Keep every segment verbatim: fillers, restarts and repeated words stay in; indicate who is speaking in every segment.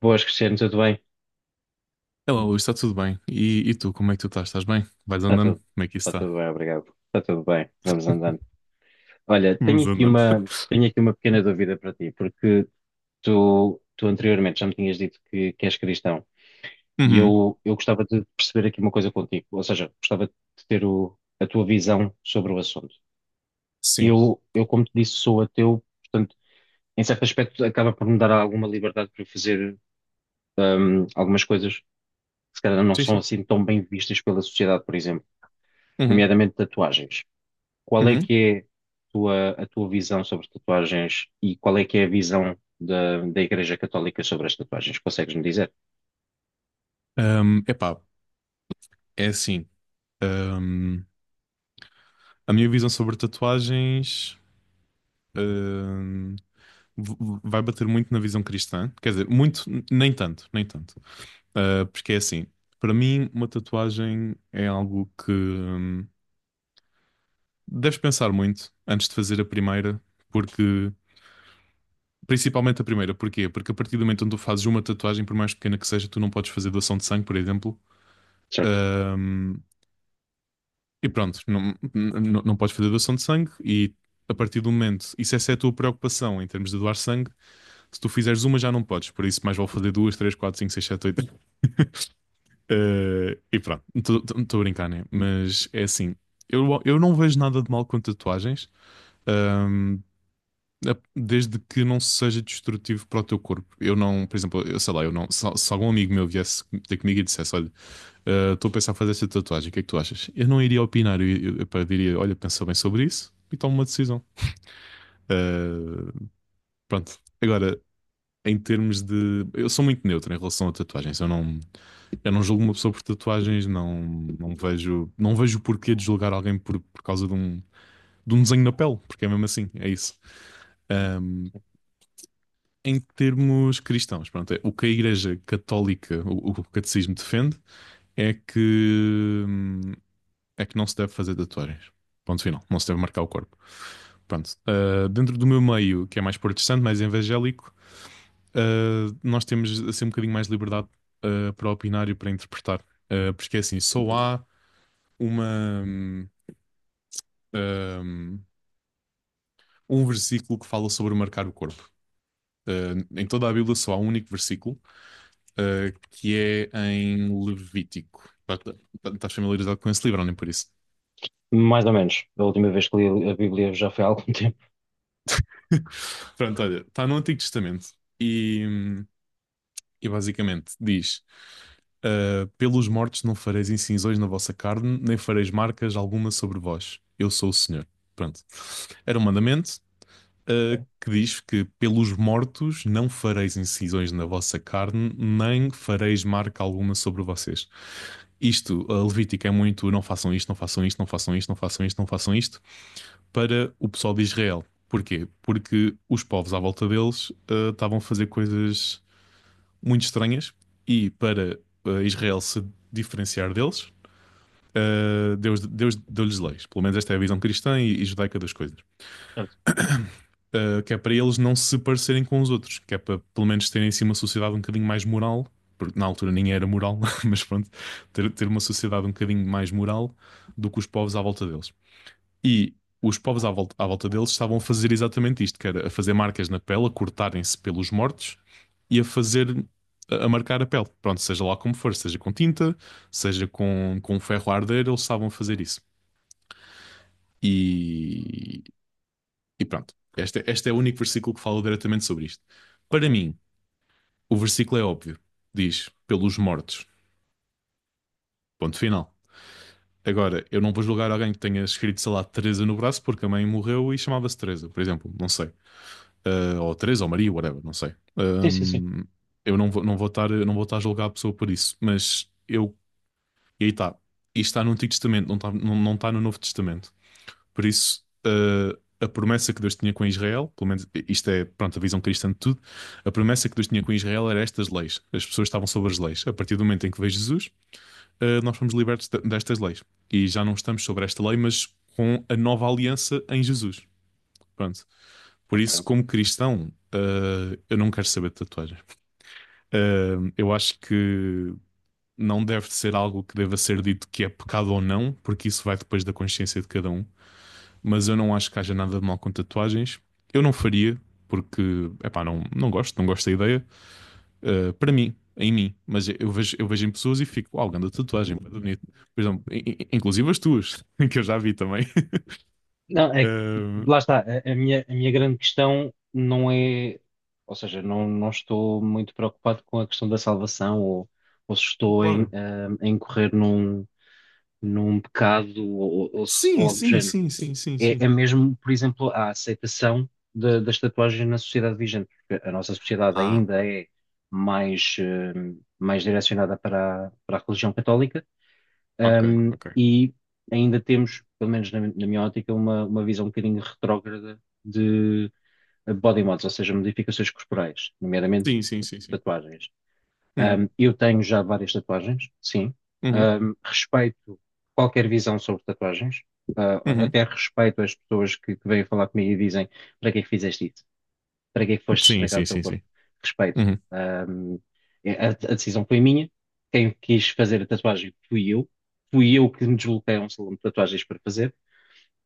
Speaker 1: Boas, Cristiano, tudo bem?
Speaker 2: Olá, Luís, está tudo bem? E, e tu, como é que tu estás? Estás bem? Vais
Speaker 1: Está
Speaker 2: andando?
Speaker 1: tudo,
Speaker 2: Como é que isso
Speaker 1: está
Speaker 2: está?
Speaker 1: tudo bem, obrigado. Está tudo bem, vamos andando. Olha, tenho
Speaker 2: Vamos
Speaker 1: aqui
Speaker 2: andando.
Speaker 1: uma, tenho aqui uma pequena dúvida para ti, porque tu, tu anteriormente já me tinhas dito que, que és cristão e
Speaker 2: Uhum.
Speaker 1: eu, eu gostava de perceber aqui uma coisa contigo, ou seja, gostava de ter o- a tua visão sobre o assunto.
Speaker 2: Sim,
Speaker 1: Eu, eu, como te disse, sou ateu, portanto, em certo aspecto, acaba por me dar alguma liberdade para eu fazer hum, algumas coisas que se calhar não
Speaker 2: sim,
Speaker 1: são
Speaker 2: sim.
Speaker 1: assim tão bem vistas pela sociedade, por exemplo,
Speaker 2: Uhum.
Speaker 1: nomeadamente tatuagens. Qual é
Speaker 2: Uhum.
Speaker 1: que é tua- a tua visão sobre tatuagens e qual é que é a visão da, da Igreja Católica sobre as tatuagens? Consegues-me dizer?
Speaker 2: Um, epá, é assim. um, a minha visão sobre tatuagens um, v- v- vai bater muito na visão cristã. Quer dizer, muito, n- nem tanto, nem tanto. Uh, porque é assim, para mim, uma tatuagem é algo que um, deves pensar muito antes de fazer a primeira, porque… Principalmente a primeira, porquê? Porque a partir do momento onde tu fazes uma tatuagem, por mais pequena que seja, tu não podes fazer doação de sangue, por exemplo.
Speaker 1: Certo.
Speaker 2: Ahm, e pronto, não, não, não podes fazer doação de sangue. E a partir do momento, e se essa é a tua preocupação em termos de doar sangue, se tu fizeres uma já não podes. Por isso, mais vale fazer duas, três, quatro, cinco, seis, sete, oito. Ah, e pronto, estou a brincar, né? Mas é assim, eu, eu não vejo nada de mal com tatuagens. Ahm, a- Desde que não seja destrutivo para o teu corpo. Eu não, por exemplo, eu sei lá, eu não. Se, se algum amigo meu viesse ter comigo e dissesse, olha, eh, estou a pensar em fazer esta tatuagem, o que é que tu achas? Eu não iria opinar, eu, eu, eu pá, diria, olha, pensa bem sobre isso e toma uma decisão. Eh, Pronto. Agora, em termos de… Eu sou muito neutro em relação a tatuagens. Eu não, eu não julgo uma pessoa por tatuagens, não, não vejo, não vejo o porquê de julgar alguém por, por causa de um, de um desenho na pele, porque é mesmo assim, é isso. Em termos cristãos, pronto, é, o que a Igreja Católica, o, o catecismo defende, é que, hum, é que não se deve fazer tatuagens. Ponto final, não se deve marcar o corpo. Pronto, ah, dentro do meu meio, que é mais protestante, mais evangélico, ah, nós temos assim um bocadinho mais de liberdade ah, para opinar e para interpretar. Ah, porque é assim, só há uma, hum, ah, um versículo que fala sobre marcar o corpo. Ah, em toda a Bíblia só há um único versículo eh, que é em Levítico. Pá, tá- pá, estás familiarizado com esse livro, ou nem por isso?
Speaker 1: Mais ou menos. A última vez que li a Bíblia já foi há algum tempo.
Speaker 2: Pronto, olha, está no Antigo Testamento e, hum, e basicamente diz: ah, pelos mortos não fareis incisões na vossa carne, nem fareis marcas alguma sobre vós. Eu sou o Senhor. Pronto. Era um mandamento uh,
Speaker 1: Ok.
Speaker 2: que diz que pelos mortos não fareis incisões na vossa carne, nem fareis marca alguma sobre vocês. Isto, a Levítica é muito não façam isto, não façam isto, não façam isto, não façam isto, não façam isto, para o pessoal de Israel. Porquê? Porque os povos à volta deles uh, estavam a fazer coisas muito estranhas e para uh, Israel se diferenciar deles, uh, Deus, Deus deu-lhes leis. Pelo menos esta é a visão cristã e, e judaica das coisas.
Speaker 1: Certo.
Speaker 2: Uh, que é para eles não se parecerem com os outros, que é para pelo menos terem assim uma sociedade um bocadinho mais moral, porque na altura nem era moral, mas pronto, ter, ter uma sociedade um bocadinho mais moral do que os povos à volta deles. E os povos à volta, à volta deles estavam a fazer exatamente isto, que era a fazer marcas na pele, a cortarem-se pelos mortos e a fazer, a, a marcar a pele. Pronto, seja lá como for, seja com tinta, seja com, com ferro a arder, eles estavam a fazer isso. E, e pronto, este, este é o único versículo que fala diretamente sobre isto.
Speaker 1: Ok.
Speaker 2: Para mim, o versículo é óbvio. Diz, pelos mortos. Ponto final. Agora, eu não vou julgar alguém que tenha escrito, sei lá, Teresa no braço porque a mãe morreu e chamava-se Teresa, por exemplo. Não sei. Ah, ou Teresa ou Maria, whatever, não sei.
Speaker 1: Sim, sim, sim.
Speaker 2: Ahm, eu não vou, não vou estar, não vou estar a julgar a pessoa por isso. Mas eu… E aí está. Isto está no Antigo Testamento, não está, não, não está no Novo Testamento. Por isso, eh, a promessa que Deus tinha com Israel, pelo menos isto é, pronto, a visão cristã de tudo, a promessa que Deus tinha com Israel era estas leis. As pessoas estavam sobre as leis. A partir do momento em que veio Jesus, eh, nós fomos libertos de- destas leis. E já não estamos sobre esta lei, mas com a nova aliança em Jesus. Pronto. Por
Speaker 1: Ok.
Speaker 2: isso, como cristão, eh, eu não quero saber de tatuagens. Eh, eu acho que não deve ser algo que deva ser dito que é pecado ou não, porque isso vai depois da consciência de cada um, mas eu não acho que haja nada de mal com tatuagens. Eu não faria, porque, epá, não, não gosto, não gosto da ideia. Uh, para mim, em mim, mas eu vejo, eu vejo em pessoas e fico, uau, grande tatuagem, muito bonito. Por exemplo, inclusive as tuas, que eu já vi também.
Speaker 1: Não, é, que-
Speaker 2: Uh,
Speaker 1: Lá está. A, a minha, a minha grande questão não é, ou seja, não, não estou muito preocupado com a questão da salvação ou, ou se estou em,
Speaker 2: claro.
Speaker 1: ah, em correr num, num pecado ou, ou, ou se- ou
Speaker 2: Sim,
Speaker 1: algo do
Speaker 2: sim,
Speaker 1: género.
Speaker 2: sim, sim, sim,
Speaker 1: É,
Speaker 2: sim.
Speaker 1: é mesmo, por exemplo, a aceitação da- das tatuagens na sociedade vigente, porque a nossa sociedade
Speaker 2: Ah,
Speaker 1: ainda é mais, eh, mais direcionada para a, para a religião católica,
Speaker 2: ok,
Speaker 1: ehm,
Speaker 2: ok.
Speaker 1: e ainda temos, pelo menos na, na minha ótica, uma, uma visão um bocadinho retrógrada de body mods, ou seja, modificações corporais, nomeadamente
Speaker 2: Sim, sim, sim, sim.
Speaker 1: tatuagens.
Speaker 2: Uhum,
Speaker 1: Um, eu tenho já várias tatuagens, sim.
Speaker 2: uhum,
Speaker 1: Um, respeito qualquer visão sobre tatuagens. Uh,
Speaker 2: uhum.
Speaker 1: até respeito as pessoas que, que vêm falar comigo e dizem: para que é que fizeste isso? Para que é que foste
Speaker 2: Sim,
Speaker 1: estragar o
Speaker 2: sim,
Speaker 1: teu
Speaker 2: sim,
Speaker 1: corpo?
Speaker 2: sim.
Speaker 1: Respeito.
Speaker 2: Uhum.
Speaker 1: Um, a, a decisão foi minha. Quem quis fazer a tatuagem fui eu. Fui eu que me desloquei a um salão de tatuagens para fazer.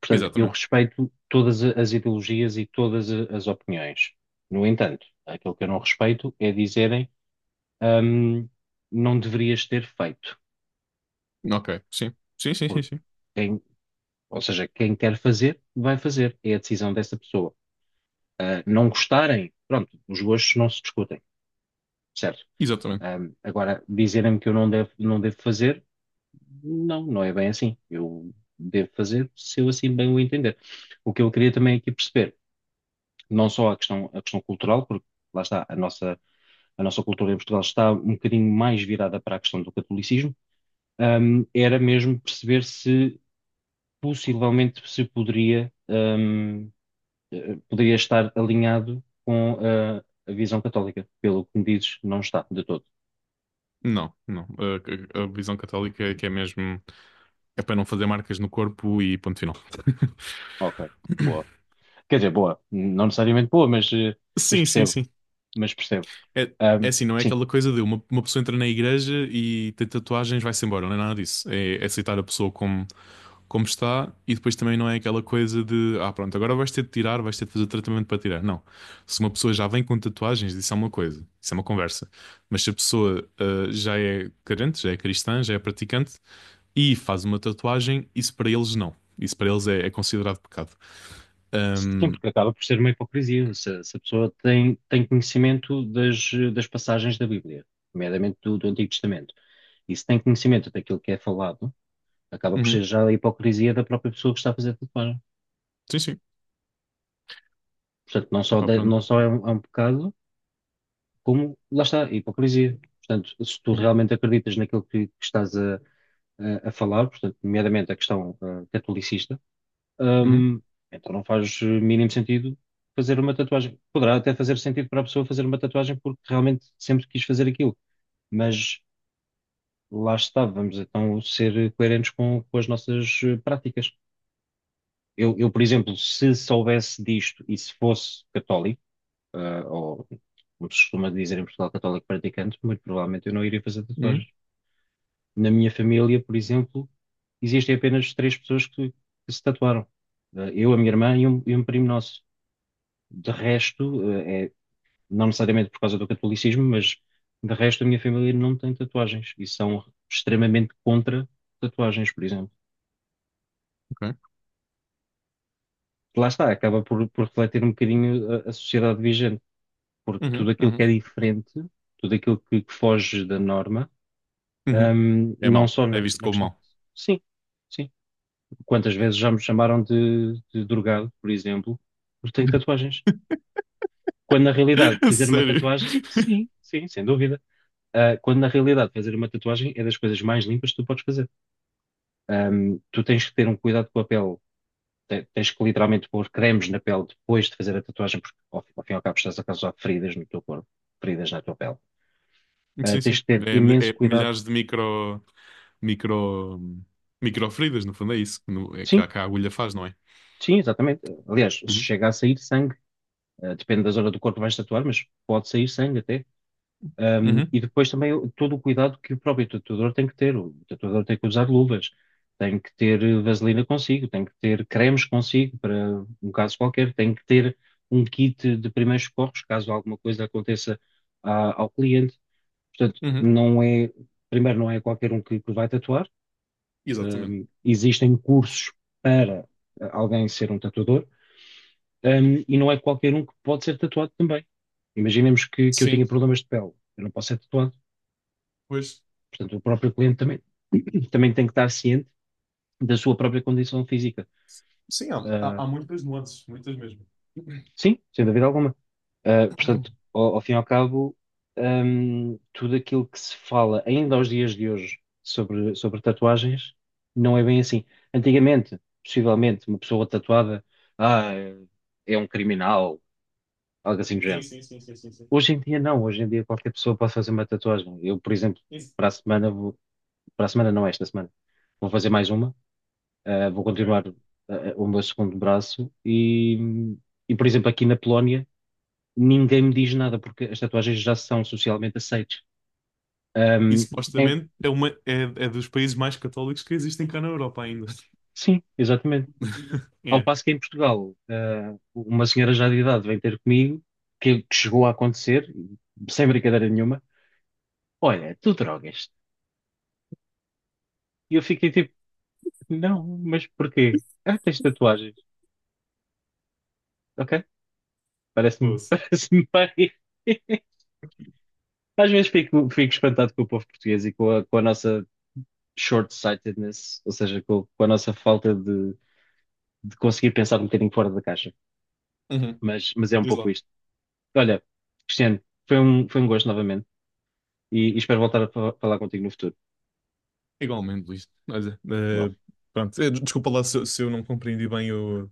Speaker 1: Portanto, eu
Speaker 2: Exatamente.
Speaker 1: respeito todas a- as ideologias e todas a- as opiniões. No entanto, aquilo que eu não respeito é dizerem hum, não deverias ter feito.
Speaker 2: Ok, sim. Sim, sim, sim,
Speaker 1: Porque
Speaker 2: sim.
Speaker 1: quem, ou seja, quem quer fazer, vai fazer. É a decisão dessa pessoa. Ah, não gostarem, pronto, os gostos não se discutem, certo?
Speaker 2: Exatamente.
Speaker 1: Hum, agora, dizerem-me que eu não devo, não devo fazer, não, não é bem assim. Eu devo fazer se eu assim bem o entender. O que eu queria também aqui perceber, não só a questão, a questão cultural, porque lá está, a nossa, a nossa cultura em Portugal está um bocadinho mais virada para a questão do catolicismo, hum, era mesmo perceber se possivelmente se poderia, hum, eh, poderia estar alinhado com eh, a visão católica. Pelo que me dizes, não está de todo.
Speaker 2: Não, não. A, a- a visão católica é que é mesmo. É para não fazer marcas no corpo e ponto final.
Speaker 1: Ok, boa. Quer dizer, boa, não necessariamente boa, mas, eh, mas
Speaker 2: Sim, sim,
Speaker 1: percebo,
Speaker 2: sim.
Speaker 1: mas percebo.
Speaker 2: É, é
Speaker 1: Hum,
Speaker 2: assim, não é
Speaker 1: sim,
Speaker 2: aquela coisa de uma, uma pessoa entra na igreja e tem tatuagens, vai-se embora, não é nada disso. É, é aceitar a pessoa como, como está e depois também não é aquela coisa de ah, pronto, agora vais ter de tirar, vais ter de fazer tratamento para tirar. Não. Se uma pessoa já vem com tatuagens, isso é uma coisa, isso é uma conversa. Mas se a pessoa ah, já é crente, já é cristã, já é praticante e faz uma tatuagem, isso para eles não. Isso para eles é, é considerado pecado.
Speaker 1: sim,
Speaker 2: Ahm,
Speaker 1: porque acaba por ser uma hipocrisia. Se, se a pessoa tem, tem conhecimento das, das passagens da Bíblia, nomeadamente do, do Antigo Testamento, e se tem conhecimento daquilo que é falado, acaba por
Speaker 2: uhum.
Speaker 1: ser já a hipocrisia da própria pessoa que está a fazer tatuagem.
Speaker 2: Sim, sim.
Speaker 1: Portanto, não só,
Speaker 2: Epá,
Speaker 1: de-
Speaker 2: pronto.
Speaker 1: não só é um, é um pecado, como lá está, a hipocrisia. Portanto, se tu
Speaker 2: Uhum,
Speaker 1: realmente acreditas naquilo que, que estás a, a- a falar, portanto, nomeadamente a questão ah, catolicista,
Speaker 2: uhum,
Speaker 1: hum, então não faz eh, mínimo sentido fazer uma tatuagem. Poderá até fazer sentido para a pessoa fazer uma tatuagem porque realmente sempre quis fazer aquilo, mas lá está, vamos então ser coerentes com, com as nossas eh, práticas. Eu, eu, por exemplo, se soubesse disto e se fosse católico, ah, ou como se costuma dizer em Portugal, católico praticante, muito provavelmente eu não iria fazer tatuagens.
Speaker 2: uhum,
Speaker 1: Na minha família, por exemplo, existem apenas três pessoas que, que se tatuaram. Ah, eu, a minha irmã e um, e um primo nosso. De resto, ah, é, não necessariamente por causa do catolicismo, mas de resto a minha família não tem tatuagens e são extremamente contra tatuagens, por exemplo.
Speaker 2: ok.
Speaker 1: Lá está, acaba por, por refletir um bocadinho a, a sociedade vigente, porque
Speaker 2: Uhum,
Speaker 1: tudo aquilo que
Speaker 2: uhum,
Speaker 1: é diferente, tudo aquilo que que foge da norma.
Speaker 2: uhum.
Speaker 1: Ahm,
Speaker 2: É
Speaker 1: não
Speaker 2: mau.
Speaker 1: só
Speaker 2: É
Speaker 1: na,
Speaker 2: visto
Speaker 1: na
Speaker 2: como
Speaker 1: questão.
Speaker 2: mau.
Speaker 1: Sim, sim. Quantas vezes já me chamaram de, de drogado, por exemplo, porque tenho tatuagens. Quando na realidade
Speaker 2: A
Speaker 1: fazer uma
Speaker 2: sério.
Speaker 1: tatuagem, sim, sim, sem dúvida. Ah, quando na realidade fazer uma tatuagem é das coisas mais limpas que tu podes fazer. Ahm, tu tens que ter um cuidado com a pele. Te- Tens que literalmente pôr cremes na pele depois de fazer a tatuagem, porque ao, fim- ao fim e ao cabo estás a causar feridas no teu corpo, feridas na tua pele. Ah,
Speaker 2: Sim,
Speaker 1: tens
Speaker 2: sim.
Speaker 1: que ter
Speaker 2: É, mi-
Speaker 1: imenso
Speaker 2: é
Speaker 1: cuidado.
Speaker 2: milhares de micro, micro, micro feridas, no fundo, é isso que, no- é que
Speaker 1: Sim,
Speaker 2: a, que a agulha faz, não é?
Speaker 1: sim, exatamente. Aliás, se
Speaker 2: Uhum,
Speaker 1: chega a sair sangue. Uh, depende da zona do corpo que vais tatuar, mas pode sair sangue até. Um,
Speaker 2: uhum,
Speaker 1: e depois também o- todo o cuidado que o próprio tatuador tem que ter. O tatuador tem que usar luvas, tem que ter eh, vaselina consigo, tem que ter cremes consigo para um caso qualquer, tem que ter um kit de primeiros socorros caso alguma coisa aconteça a- ao cliente. Portanto,
Speaker 2: uhum.
Speaker 1: não é, primeiro, não é qualquer um que, que vai tatuar.
Speaker 2: Exatamente.
Speaker 1: Um, existem cursos para eh, alguém ser um tatuador um, e não é qualquer um que pode ser tatuado também. Imaginemos que, que eu tenha
Speaker 2: Sim,
Speaker 1: problemas de pele, eu não posso ser tatuado.
Speaker 2: pois.
Speaker 1: Portanto, o próprio cliente também, também tem que estar ciente da sua própria condição física.
Speaker 2: Sim, há,
Speaker 1: Ah,
Speaker 2: há, há muitas nuances, muitas mesmo.
Speaker 1: sim, sem dúvida alguma. Ah, portanto, ao, ao fim e ao cabo, hum, tudo aquilo que se fala ainda aos dias de hoje sobre, sobre tatuagens não é bem assim. Antigamente, possivelmente, uma pessoa tatuada, ah, é um criminal, algo assim do
Speaker 2: Sim,
Speaker 1: género.
Speaker 2: sim, sim, sim, sim, sim.
Speaker 1: Hoje em dia não, hoje em dia qualquer pessoa pode fazer uma tatuagem. Eu, por exemplo,
Speaker 2: Isso.
Speaker 1: para a semana vou, para a semana não, esta semana, vou fazer mais uma, eh, vou
Speaker 2: Ok.
Speaker 1: continuar eh, o meu segundo braço e, e, por exemplo, aqui na Polónia ninguém me diz nada porque as tatuagens já são socialmente aceites.
Speaker 2: E
Speaker 1: Ahm, em-
Speaker 2: supostamente é, uma, é, é dos países mais católicos que existem cá na Europa ainda.
Speaker 1: sim, exatamente. Ao
Speaker 2: É.
Speaker 1: passo que em Portugal, eh, uma senhora já de idade vem ter comigo, que, que chegou a acontecer, sem brincadeira nenhuma, olha, tu drogas. E eu fiquei tipo, não, mas porquê? Ah, tens tatuagens. Ok? Parece-me,
Speaker 2: Poça.
Speaker 1: parece-me bem. Às vezes fico, fico espantado com o povo português e com a, com a nossa short-sightedness, ou seja, com, com a nossa falta de, de conseguir pensar um bocadinho fora da caixa.
Speaker 2: Uhum.
Speaker 1: Mas, mas é um
Speaker 2: Diz
Speaker 1: pouco
Speaker 2: lá.
Speaker 1: isto. Olha, Cristiano, foi um, foi um gosto novamente e, e espero voltar a fa- falar contigo no futuro.
Speaker 2: Igualmente, Luís. Olha,
Speaker 1: Bom.
Speaker 2: eh, pronto, eh, desculpa lá se, se eu não compreendi bem o-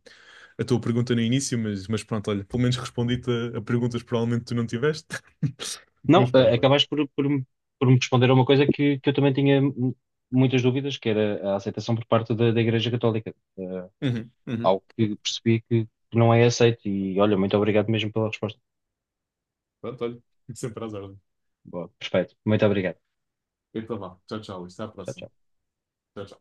Speaker 2: a tua pergunta no início, mas, mas pronto, olha, pelo menos respondi-te a, a perguntas que provavelmente tu não tiveste.
Speaker 1: Não,
Speaker 2: Mas
Speaker 1: eh,
Speaker 2: pronto, olha.
Speaker 1: acabaste por, por, me- por me responder a uma coisa que, que eu também tinha mu- muitas dúvidas, que era a aceitação por parte da, da Igreja Católica. Eh,
Speaker 2: Uhum, uhum.
Speaker 1: algo que percebi que que não é aceito. E olha, muito obrigado mesmo pela resposta.
Speaker 2: Pronto, olha. Sempre às ordens.
Speaker 1: Boa, perfeito. Muito obrigado.
Speaker 2: Então vá. Tchau, tchau. Luís. Até à
Speaker 1: Tchau,
Speaker 2: próxima.
Speaker 1: tchau.
Speaker 2: Tchau, tchau.